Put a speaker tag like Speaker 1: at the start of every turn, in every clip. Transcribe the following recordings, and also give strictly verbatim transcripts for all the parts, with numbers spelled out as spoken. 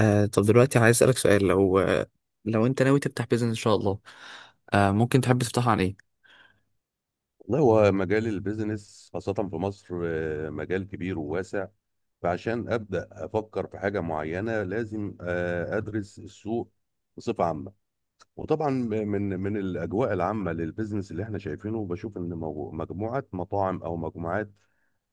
Speaker 1: آه طب دلوقتي عايز اسألك سؤال، لو لو انت ناوي تفتح بيزنس ان شاء الله. آه ممكن تحب تفتحه عن ايه؟
Speaker 2: والله هو مجال البيزنس خاصة في مصر، آه، مجال كبير وواسع. فعشان أبدأ أفكر في حاجة معينة لازم آه، أدرس السوق بصفة عامة. وطبعا من من الاجواء العامه للبيزنس اللي احنا شايفينه بشوف ان مو- مجموعه مطاعم او مجموعات،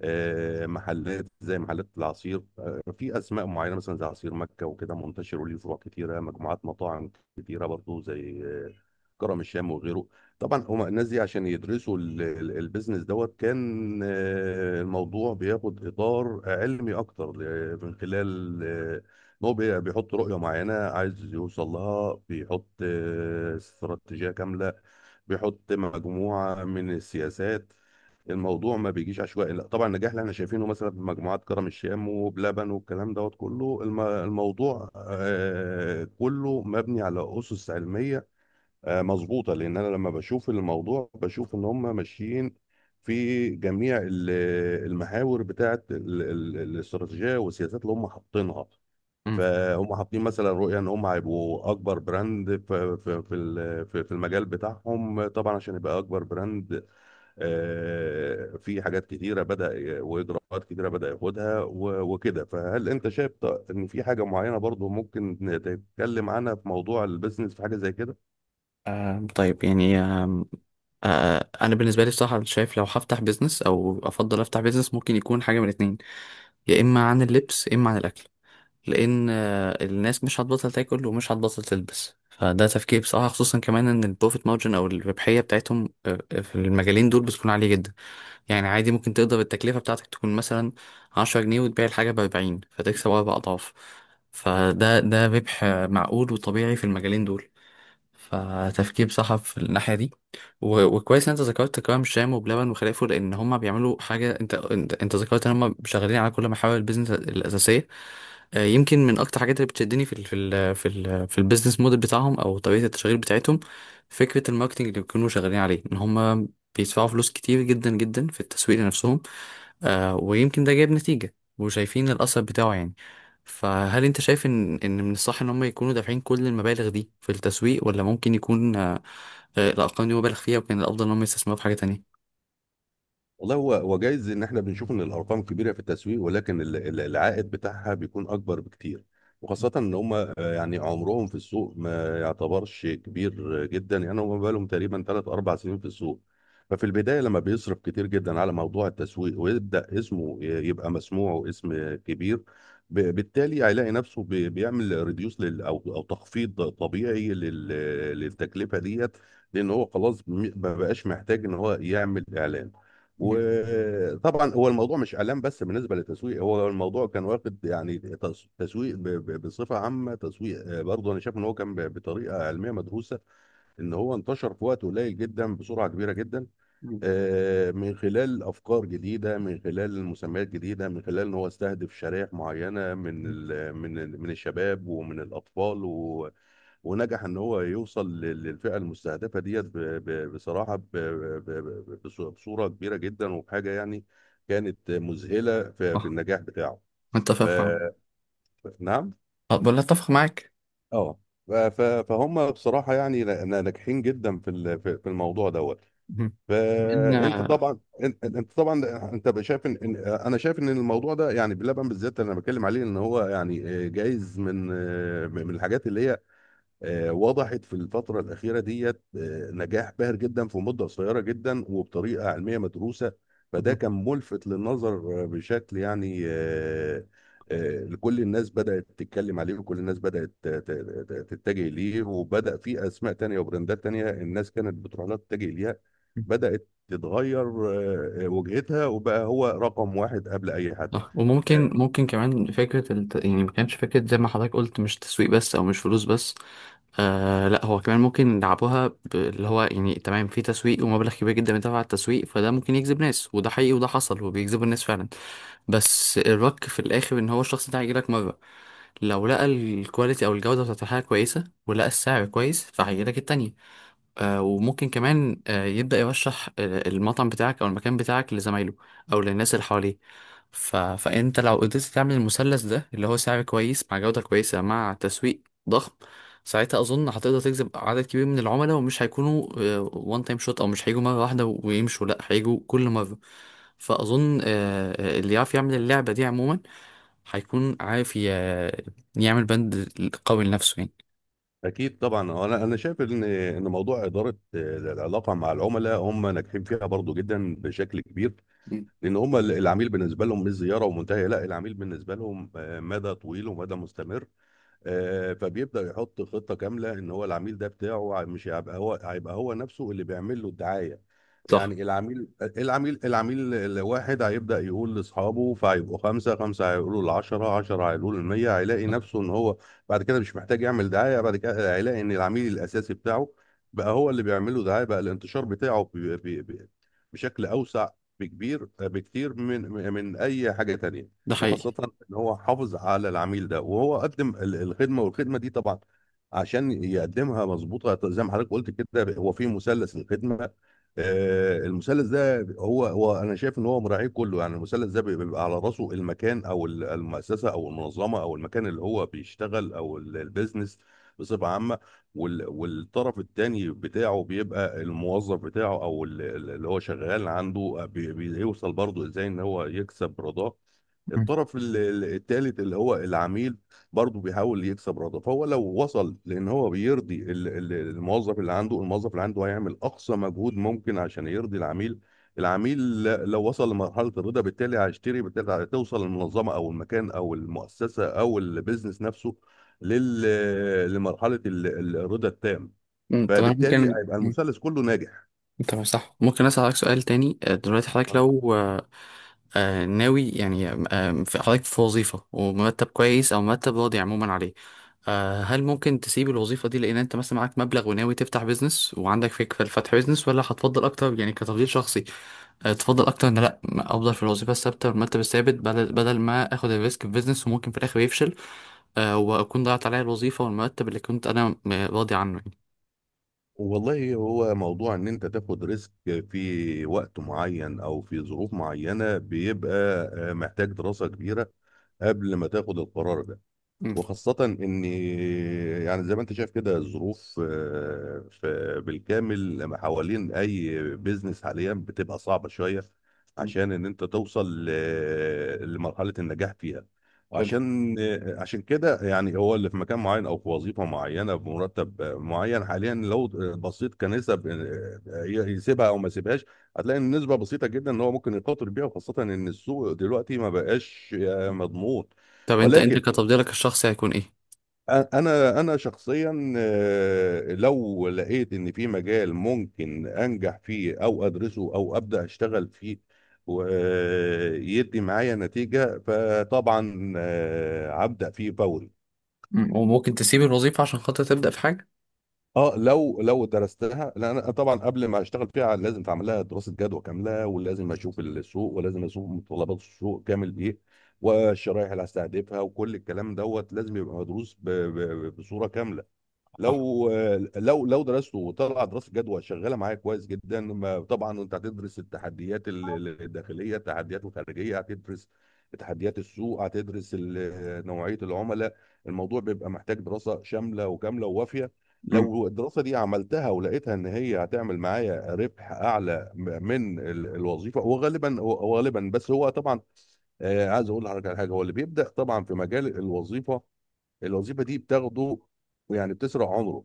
Speaker 2: آه، محلات زي محلات العصير، آه، في اسماء معينه مثلا زي عصير مكه وكده، منتشر وليه فروع كتيره. مجموعات مطاعم كتيره برضو زي آه، كرم الشام وغيره. طبعا هما الناس دي عشان يدرسوا ال- ال- البيزنس دوت كان، آه، الموضوع بياخد اطار علمي اكتر، آه، من خلال آه، هو بي- بيحط رؤية معينة عايز يوصل لها، بيحط آه، استراتيجية كاملة، بيحط مجموعة من السياسات. الموضوع ما بيجيش عشوائي، لا طبعا. النجاح اللي احنا شايفينه مثلا في مجموعات كرم الشام وبلبن والكلام دوت كله، الم- الموضوع آه، كله مبني على أسس علمية آه، مظبوطة. لأن أنا لما بشوف الموضوع بشوف إن هم ماشيين في جميع ال- المحاور بتاعت ال- ال- الاستراتيجية والسياسات اللي هم حاطينها.
Speaker 1: مم.
Speaker 2: فهم حاطين مثلا رؤية ان هم هيبقوا اكبر براند في في في ال- في في المجال بتاعهم. طبعا عشان يبقى اكبر براند، آه، في حاجات كتيرة بدأ ي- واجراءات كتيرة بدأ ياخدها و- وكده. فهل انت شايف ط- ان في حاجة معينة برضو ممكن نتكلم عنها في موضوع البيزنس، في حاجة زي كده؟
Speaker 1: آه طيب، يعني آه آه انا بالنسبه لي بصراحه شايف لو هفتح بيزنس او افضل افتح بيزنس ممكن يكون حاجه من الاتنين، يا اما عن اللبس يا اما عن الاكل، لان آه الناس مش هتبطل تاكل ومش هتبطل تلبس. فده تفكير بصراحه، خصوصا كمان ان البروفيت مارجن او الربحيه بتاعتهم آه، آه، في المجالين دول بتكون عاليه جدا. يعني عادي ممكن تقدر التكلفة بتاعتك تكون مثلا عشرة جنيه وتبيع الحاجة بأربعين فتكسب أربع أضعاف. فده ده ربح معقول وطبيعي في المجالين دول، فتفكير صح في الناحية دي. و- وكويس إن أنت ذكرت كرم شام وبلبن وخلافه، لأن هما بيعملوا حاجة. أنت أنت, انت ذكرت إن هما شغالين على كل محاور البيزنس الأساسية. آه، يمكن من اكتر حاجات اللي بتشدني في ال في ال في ال في البيزنس موديل بتاعهم او طريقه التشغيل بتاعتهم، فكره الماركتنج اللي بيكونوا شغالين عليه ان هم بيدفعوا فلوس كتير جدا جدا في التسويق لنفسهم. آه ويمكن ده جايب نتيجه وشايفين الاثر بتاعه يعني. فهل انت شايف ان ان من الصح ان هم يكونوا دافعين كل المبالغ دي في التسويق، ولا ممكن يكون آه آه، الارقام دي مبالغ فيها وكان الافضل ان هم يستثمروا في حاجه تانية؟
Speaker 2: والله هو هو جايز ان احنا بنشوف ان الارقام كبيره في التسويق، ولكن ال- ال- العائد بتاعها بيكون اكبر بكتير. وخاصه ان هم، آه، يعني عمرهم في السوق ما يعتبرش كبير جدا، يعني هم بقالهم تقريبا ثلاث أربعة سنين في السوق. ففي البدايه لما بيصرف كتير جدا على موضوع التسويق ويبدا اسمه ي- يبقى مسموع واسم كبير، ب- بالتالي هيلاقي نفسه بي- بيعمل ريديوس لل او او تخفيض طبيعي لل- للتكلفه ديت، لان هو خلاص م- ما بقاش محتاج ان هو يعمل اعلان.
Speaker 1: مم.
Speaker 2: وطبعا هو الموضوع مش اعلام بس بالنسبه للتسويق، هو الموضوع كان واخد يعني تس- تسويق ب- ب- بصفه عامه. تسويق آه، برضه انا شايف ان هو كان ب- بطريقه علميه مدروسه، ان هو انتشر في وقت قليل جدا بسرعه كبيره جدا،
Speaker 1: مم.
Speaker 2: آه، من خلال افكار جديده، من خلال مسميات جديده، من خلال ان هو استهدف شرائح معينه من
Speaker 1: مم.
Speaker 2: ال- من ال- من الشباب ومن الاطفال. ونجح ان هو يوصل لل- للفئه المستهدفه ديت ب- ب- بصراحه، ب- ب- ب- بص- بصوره كبيره جدا، وبحاجه يعني كانت مذهله في في
Speaker 1: اه،
Speaker 2: النجاح بتاعه. ف
Speaker 1: متفق معاك.
Speaker 2: نعم.
Speaker 1: آه، ولا اتفق معاك.
Speaker 2: اه. ف- ف- فهم بصراحه يعني نا- نا- ناجحين جدا في ال- في في الموضوع دوت.
Speaker 1: مم. إن،
Speaker 2: فانت
Speaker 1: آه،
Speaker 2: طبعا انت أنت طبعا انت بقى شايف ان إن- انا شايف ان الموضوع ده، يعني بلبن بالذات انا بتكلم عليه، ان هو يعني آه، جايز من آه، من الحاجات اللي هي آه، وضحت في الفترة الأخيرة ديت. آه، نجاح باهر جدا في مدة قصيرة جدا وبطريقة علمية مدروسة. فده
Speaker 1: مم.
Speaker 2: كان ملفت للنظر آه، بشكل يعني آه، آه، كل الناس بدأت تتكلم عليه وكل الناس بدأت ت- ت- ت- تتجه ليه. وبدأ في أسماء تانية وبراندات تانية الناس كانت بتروح لها، تتجه ليها، بدأت تتغير آه، آه، وجهتها، وبقى هو رقم واحد قبل أي حد.
Speaker 1: صح. وممكن، ممكن كمان فكرة الت... يعني ما كانش فكرة زي ما حضرتك قلت، مش تسويق بس أو مش فلوس بس. آه لا، هو كمان ممكن يلعبوها ب... اللي هو يعني تمام، في تسويق ومبلغ كبير جدا بيدفع على التسويق، فده ممكن يجذب ناس، وده حقيقي وده حصل وبيجذبوا الناس فعلا. بس الرك في الآخر إن هو الشخص ده هيجيلك مرة، لو لقى الكواليتي أو الجودة بتاعت الحاجة كويسة ولقى السعر كويس فهيجيلك التانية. آه، وممكن كمان آه، يبدأ يرشح آه، المطعم بتاعك أو المكان بتاعك لزمايله أو للناس اللي حواليه. ف... فأنت لو قدرت تعمل المثلث ده، اللي هو سعر كويس مع جودة كويسة مع تسويق ضخم، ساعتها أظن هتقدر تجذب عدد كبير من العملاء، ومش هيكونوا وان تايم شوت أو مش هيجوا مرة واحدة ويمشوا، لأ هيجوا كل مرة. فأظن آه، آه، اللي يعرف يعمل اللعبة دي عموما هيكون عارف ي... يعمل بند قوي لنفسه يعني.
Speaker 2: اكيد طبعا. هو انا انا شايف ان ان موضوع اداره آه، العلاقه مع العملاء هم ناجحين فيها برضو جدا بشكل كبير،
Speaker 1: مم.
Speaker 2: لان هم ال- العميل بالنسبه لهم مش زياره ومنتهيه، لا، العميل بالنسبه لهم آه، مدى طويل ومدى مستمر. آه، فبيبدأ يحط خطة كاملة ان هو العميل ده بتاعه مش هيبقى هو هيبقى هو نفسه اللي بيعمل له الدعاية.
Speaker 1: صح،
Speaker 2: يعني العميل العميل العميل الواحد هيبدأ يقول لأصحابه، فهيبقوا خمسة، خمسة هيقولوا لعشرة، عشرة هيقولوا للمية. هيلاقي نفسه ان هو بعد كده مش محتاج يعمل دعاية، بعد كده هيلاقي ان العميل الأساسي بتاعه بقى هو اللي بيعمل له دعاية، بقى الانتشار بتاعه بي- بي- بي- بشكل أوسع، بكبير بكتير من من أي حاجة تانية.
Speaker 1: ده حقيقي.
Speaker 2: وخاصة ان هو حافظ على العميل ده، وهو قدم ال- الخدمة. والخدمة دي طبعا عشان يقدمها مظبوطة زي ما حضرتك قلت كده، هو في مثلث الخدمة. آه، المثلث ده هو هو انا شايف ان هو مراعيه كله. يعني المثلث ده بيبقى على راسه المكان او ال- المؤسسة او المنظمة او المكان اللي هو بيشتغل او ال- البيزنس بصفة عامة. وال- والطرف التاني بتاعه بيبقى الموظف بتاعه او ال- اللي هو شغال عنده، بي- بيوصل برضه ازاي ان هو يكسب رضاه. الطرف ال- ال- التالت اللي هو العميل، برضه بيحاول يكسب رضا. فهو لو وصل لان هو بيرضي ال- ال- الموظف اللي عنده، الموظف اللي عنده هيعمل اقصى مجهود ممكن عشان يرضي العميل. العميل ل- لو وصل لمرحلة الرضا بالتالي هيشتري، بالتالي هتوصل المنظمة او المكان او المؤسسة او البيزنس نفسه لل- لمرحلة ال- ال- الرضا التام.
Speaker 1: مم، طب انا
Speaker 2: فبالتالي
Speaker 1: ممكن
Speaker 2: هيبقى
Speaker 1: مم،
Speaker 2: المثلث كله ناجح.
Speaker 1: طب صح، ممكن اسالك سؤال تاني؟ آه، دلوقتي حضرتك لو آه، آه، ناوي يعني آه، في- حضرتك في وظيفه ومرتب كويس او مرتب راضي عموما عليه، آه، هل ممكن تسيب الوظيفه دي لان انت مثلا معاك مبلغ وناوي تفتح بيزنس وعندك فكره لفتح بيزنس، ولا هتفضل اكتر؟ يعني كتفضيل شخصي، آه، تفضل اكتر ان لا، ما افضل في الوظيفه الثابته والمرتب الثابت، بدل بدل ما اخد الريسك في بيزنس وممكن في الاخر يفشل، آه، واكون ضيعت عليا الوظيفه والمرتب اللي كنت انا م- راضي عنه يعني.
Speaker 2: والله هو موضوع ان انت تاخد ريسك في وقت معين او في ظروف معينة بيبقى آه، محتاج دراسة كبيرة قبل ما تاخد القرار ده.
Speaker 1: مم.
Speaker 2: وخاصة إن، يعني زي ما أنت شايف كده الظروف آه، في بالكامل ما حوالين أي بيزنس حاليا بتبقى صعبة شوية عشان إن أنت توصل ل- لمرحلة النجاح فيها. وعشان آه، عشان كده، يعني هو اللي في مكان معين أو في وظيفة معينة بمرتب معين حاليا، لو بصيت كنسب آه، يسيبها أو ما يسيبهاش، هتلاقي إن النسبة بسيطة جدا إن هو ممكن يخاطر بيها، وخاصة إن السوق دلوقتي ما بقاش آه، مضمون.
Speaker 1: طب انت انت
Speaker 2: ولكن
Speaker 1: كتفضيلك الشخصي هيكون ايه؟
Speaker 2: انا انا شخصيا، آه، لو لقيت ان في مجال ممكن انجح فيه او ادرسه او ابدا اشتغل فيه ويدي معايا نتيجه، فطبعا آه، هبدا فيه فوري.
Speaker 1: مم. وممكن تسيب الوظيفة عشان خاطر تبدأ في حاجة؟
Speaker 2: اه، لو لو درستها، لان انا طبعا قبل ما اشتغل فيها لازم تعمل لها دراسه جدوى كامله، ولازم اشوف السوق، ولازم اشوف متطلبات السوق كامل ايه، والشرائح اللي هستهدفها وكل الكلام دوت لازم يبقى مدروس ب- ب- بصوره كامله.
Speaker 1: صح.
Speaker 2: لو لو لو درسته وطلع دراسه جدوى شغاله معايا كويس جدا، ما- طبعا انت هتدرس التحديات ال- ال- الداخليه، التحديات الخارجيه، هتدرس تحديات السوق، هتدرس ال- نوعيه العملاء. الموضوع بيبقى محتاج دراسه شامله وكامله ووافيه.
Speaker 1: مم.
Speaker 2: لو الدراسه دي عملتها ولقيتها ان هي هتعمل معايا ربح اعلى م- من ال- الوظيفه، وغالبا، وغالبا بس هو طبعا آه، عايز اقول لحضرتك على حاجه. هو اللي بيبدا طبعا في مجال الوظيفه، الوظيفه دي بتاخده، يعني بتسرع عمره،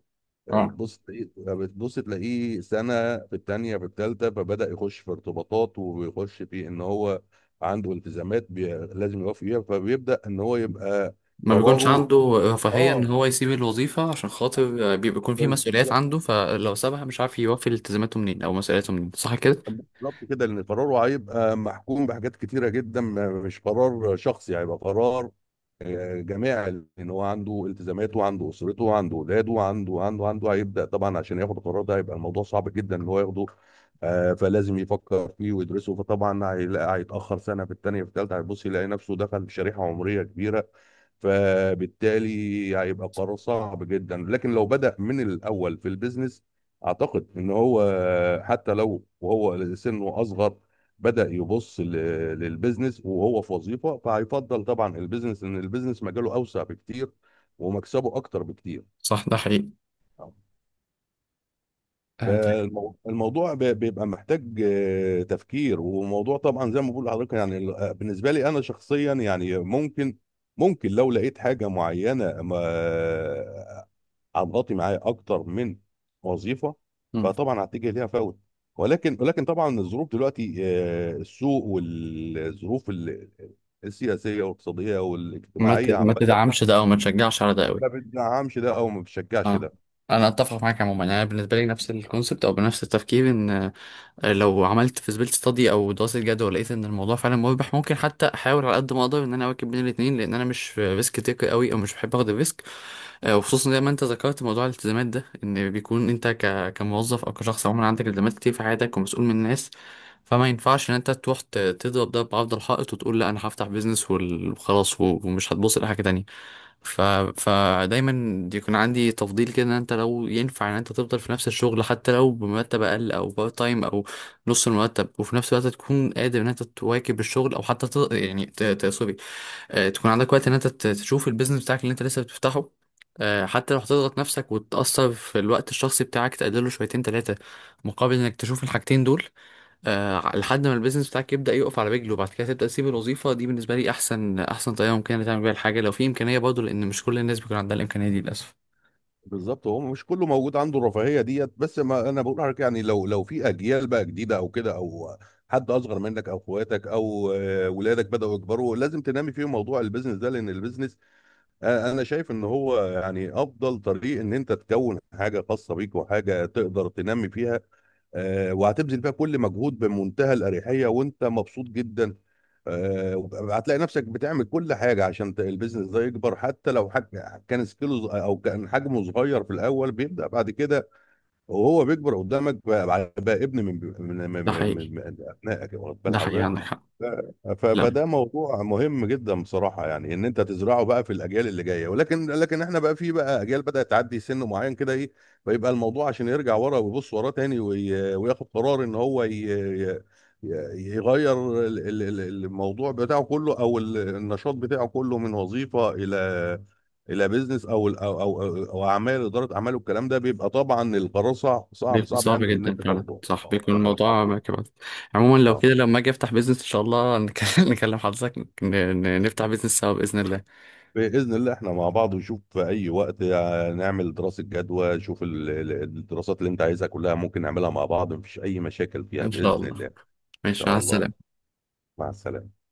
Speaker 2: آه،
Speaker 1: اه،
Speaker 2: بتبص تلاقيه آه، بتبص تلاقيه سنه في الثانيه في الثالثه، فبدا يخش في ارتباطات، ويخش في ان هو عنده التزامات بي... لازم يوفي فيها. فبيبدا ان هو يبقى
Speaker 1: ما بيكونش
Speaker 2: قراره،
Speaker 1: عنده رفاهية ان
Speaker 2: اه،
Speaker 1: هو يسيب الوظيفة، عشان خاطر بي- بيكون في مسؤوليات
Speaker 2: بالظبط،
Speaker 1: عنده، فلو سابها مش عارف يوفي التزاماته منين او مسؤولياته منين، صح كده؟
Speaker 2: بالظبط كده، لان قراره هيبقى محكوم بحاجات كتيره جدا، ما- مش قرار شخصي، هيبقى قرار آه، جماعي، لان هو عنده التزاماته وعنده اسرته وعنده اولاده وعنده وعنده وعنده هيبدا طبعا. عشان ياخد القرار ده هيبقى الموضوع صعب جدا ان هو ياخده، آه، فلازم يفكر فيه ويدرسه. فطبعا هيلاقي هيتاخر سنه في الثانيه في الثالثه، هيبص يلاقي نفسه دخل في شريحه عمريه كبيره، فبالتالي هيبقى قرار صعب جدا. لكن لو بدأ من الأول في البيزنس، أعتقد إن هو حتى لو وهو سنه أصغر بدأ يبص ل- للبيزنس وهو في وظيفة، فهيفضل طبعا البيزنس، إن البيزنس مجاله أوسع بكتير ومكسبه أكتر بكتير.
Speaker 1: صح، ده حقيقي. آه طيب.
Speaker 2: فالموضوع بيبقى محتاج آه، تفكير. وموضوع طبعا زي ما بقول لحضرتك يعني ال- آه، بالنسبة لي أنا شخصيا يعني ممكن، ممكن لو لقيت حاجة معينة ما هتغطي معايا اكتر من وظيفه،
Speaker 1: مم.
Speaker 2: فطبعا هتجي ليها فوت. ولكن ولكن طبعا الظروف دلوقتي، آه، السوق والظروف ال- السياسيه والاقتصاديه
Speaker 1: ما
Speaker 2: والاجتماعيه
Speaker 1: ت- ما
Speaker 2: عامه
Speaker 1: تدعمش ده او ما تشجعش على ده قوي.
Speaker 2: ما بتدعمش ده او ما بتشجعش
Speaker 1: اه،
Speaker 2: ده.
Speaker 1: انا اتفق معاك عموما. انا بالنسبه لي نفس الكونسبت او بنفس التفكير، ان لو عملت فيزبيلتي ستادي او دراسه جدوى، ولقيت ان الموضوع فعلا مربح، ممكن حتى احاول على قد ما اقدر ان انا اواكب بين الاثنين، لان انا مش ريسك تيكر قوي او مش بحب اخد الريسك. آه، وخصوصا زي ما انت ذكرت موضوع الالتزامات ده، ان بيكون انت ك... كموظف او كشخص عموما عندك التزامات كتير في حياتك ومسؤول من الناس، فما ينفعش ان انت تروح ت- تضرب ده بعرض الحائط وتقول لا انا هفتح بيزنس وال- وخلاص و- ومش هتبص لحاجه تانية. ف... فدايما يكون عندي تفضيل كده، ان انت لو ينفع ان انت تفضل في نفس الشغل حتى لو بمرتب اقل او بارت تايم او نص المرتب، وفي نفس الوقت تكون قادر ان انت تواكب الشغل، او حتى ت... يعني ت... ت... سوري آه، تكون عندك وقت ان انت ت- تشوف البيزنس بتاعك اللي انت لسه بتفتحه، آه، حتى لو هتضغط نفسك وتأثر في الوقت الشخصي بتاعك تقلله شويتين تلاتة، مقابل انك تشوف الحاجتين دول، آه لحد ما البيزنس بتاعك يبدأ يقف على رجله وبعد كده تبدأ تسيب الوظيفة دي. بالنسبة لي أحسن أحسن طريقة ممكنة تعمل بيها الحاجة، لو في إمكانية برضه، لأن مش كل الناس بيكون عندها الإمكانية دي للأسف.
Speaker 2: بالظبط. هو مش كله موجود عنده الرفاهيه ديت، بس ما انا بقول لك يعني، لو لو في اجيال بقى جديده او كده، او حد اصغر منك او اخواتك او آه، ولادك بداوا يكبروا، لازم تنامي فيهم موضوع البيزنس ده. لان البيزنس، انا أنا شايف ان هو يعني افضل طريق، ان انت تكون حاجه خاصه بيك وحاجه تقدر تنمي فيها. آه، وهتبذل فيها كل مجهود بمنتهى الاريحيه وانت مبسوط جدا. آه، هتلاقي نفسك بتعمل كل حاجه عشان ت- البيزنس ده يكبر. حتى لو حج... كان سكيله ص- او كان حجمه صغير في الاول، بيبدا بعد كده وهو بيكبر قدامك، بقى بقى ابن من من من
Speaker 1: ده
Speaker 2: من من
Speaker 1: حقيقي.
Speaker 2: من ابنائك، واخد بال
Speaker 1: ده حقيقي،
Speaker 2: حضرتك.
Speaker 1: عندك حق.
Speaker 2: ف-
Speaker 1: لا،
Speaker 2: فده موضوع مهم جدا بصراحه، يعني ان انت تزرعه بقى في الاجيال اللي جايه. ولكن لكن احنا بقى في بقى اجيال بدات تعدي سن معين كده ايه، فيبقى الموضوع عشان يرجع ورا ويبص وراه تاني وي- وياخد قرار ان هو ي- ي- يغير ال- ال- ال- الموضوع بتاعه كله او ال- النشاط بتاعه كله من وظيفه الى، الى بيزنس او ال- او او او أو اعمال اداره اعمال والكلام ده. بيبقى طبعا القرار صعب صعب
Speaker 1: بيكون
Speaker 2: صعب،
Speaker 1: صعب
Speaker 2: يعني ان
Speaker 1: جدا
Speaker 2: انت
Speaker 1: فعلا.
Speaker 2: تاخده،
Speaker 1: صح،
Speaker 2: آه،
Speaker 1: بيكون
Speaker 2: ف-
Speaker 1: الموضوع ما كمان. عموما لو
Speaker 2: آه.
Speaker 1: كده، لما أجي أفتح بيزنس إن شاء الله نكلم نكلم حضرتك. ن- ن- نفتح بيزنس سوا بإذن الله.
Speaker 2: بإذن الله احنا مع بعض، وشوف في أي وقت آه، نعمل دراسة جدوى. شوف ال- ال- الدراسات اللي أنت عايزها كلها ممكن نعملها مع بعض، مفيش أي مشاكل فيها
Speaker 1: إن شاء
Speaker 2: بإذن
Speaker 1: الله،
Speaker 2: الله. إن
Speaker 1: ماشي، مع
Speaker 2: شاء الله.
Speaker 1: السلامة.
Speaker 2: مع السلامة.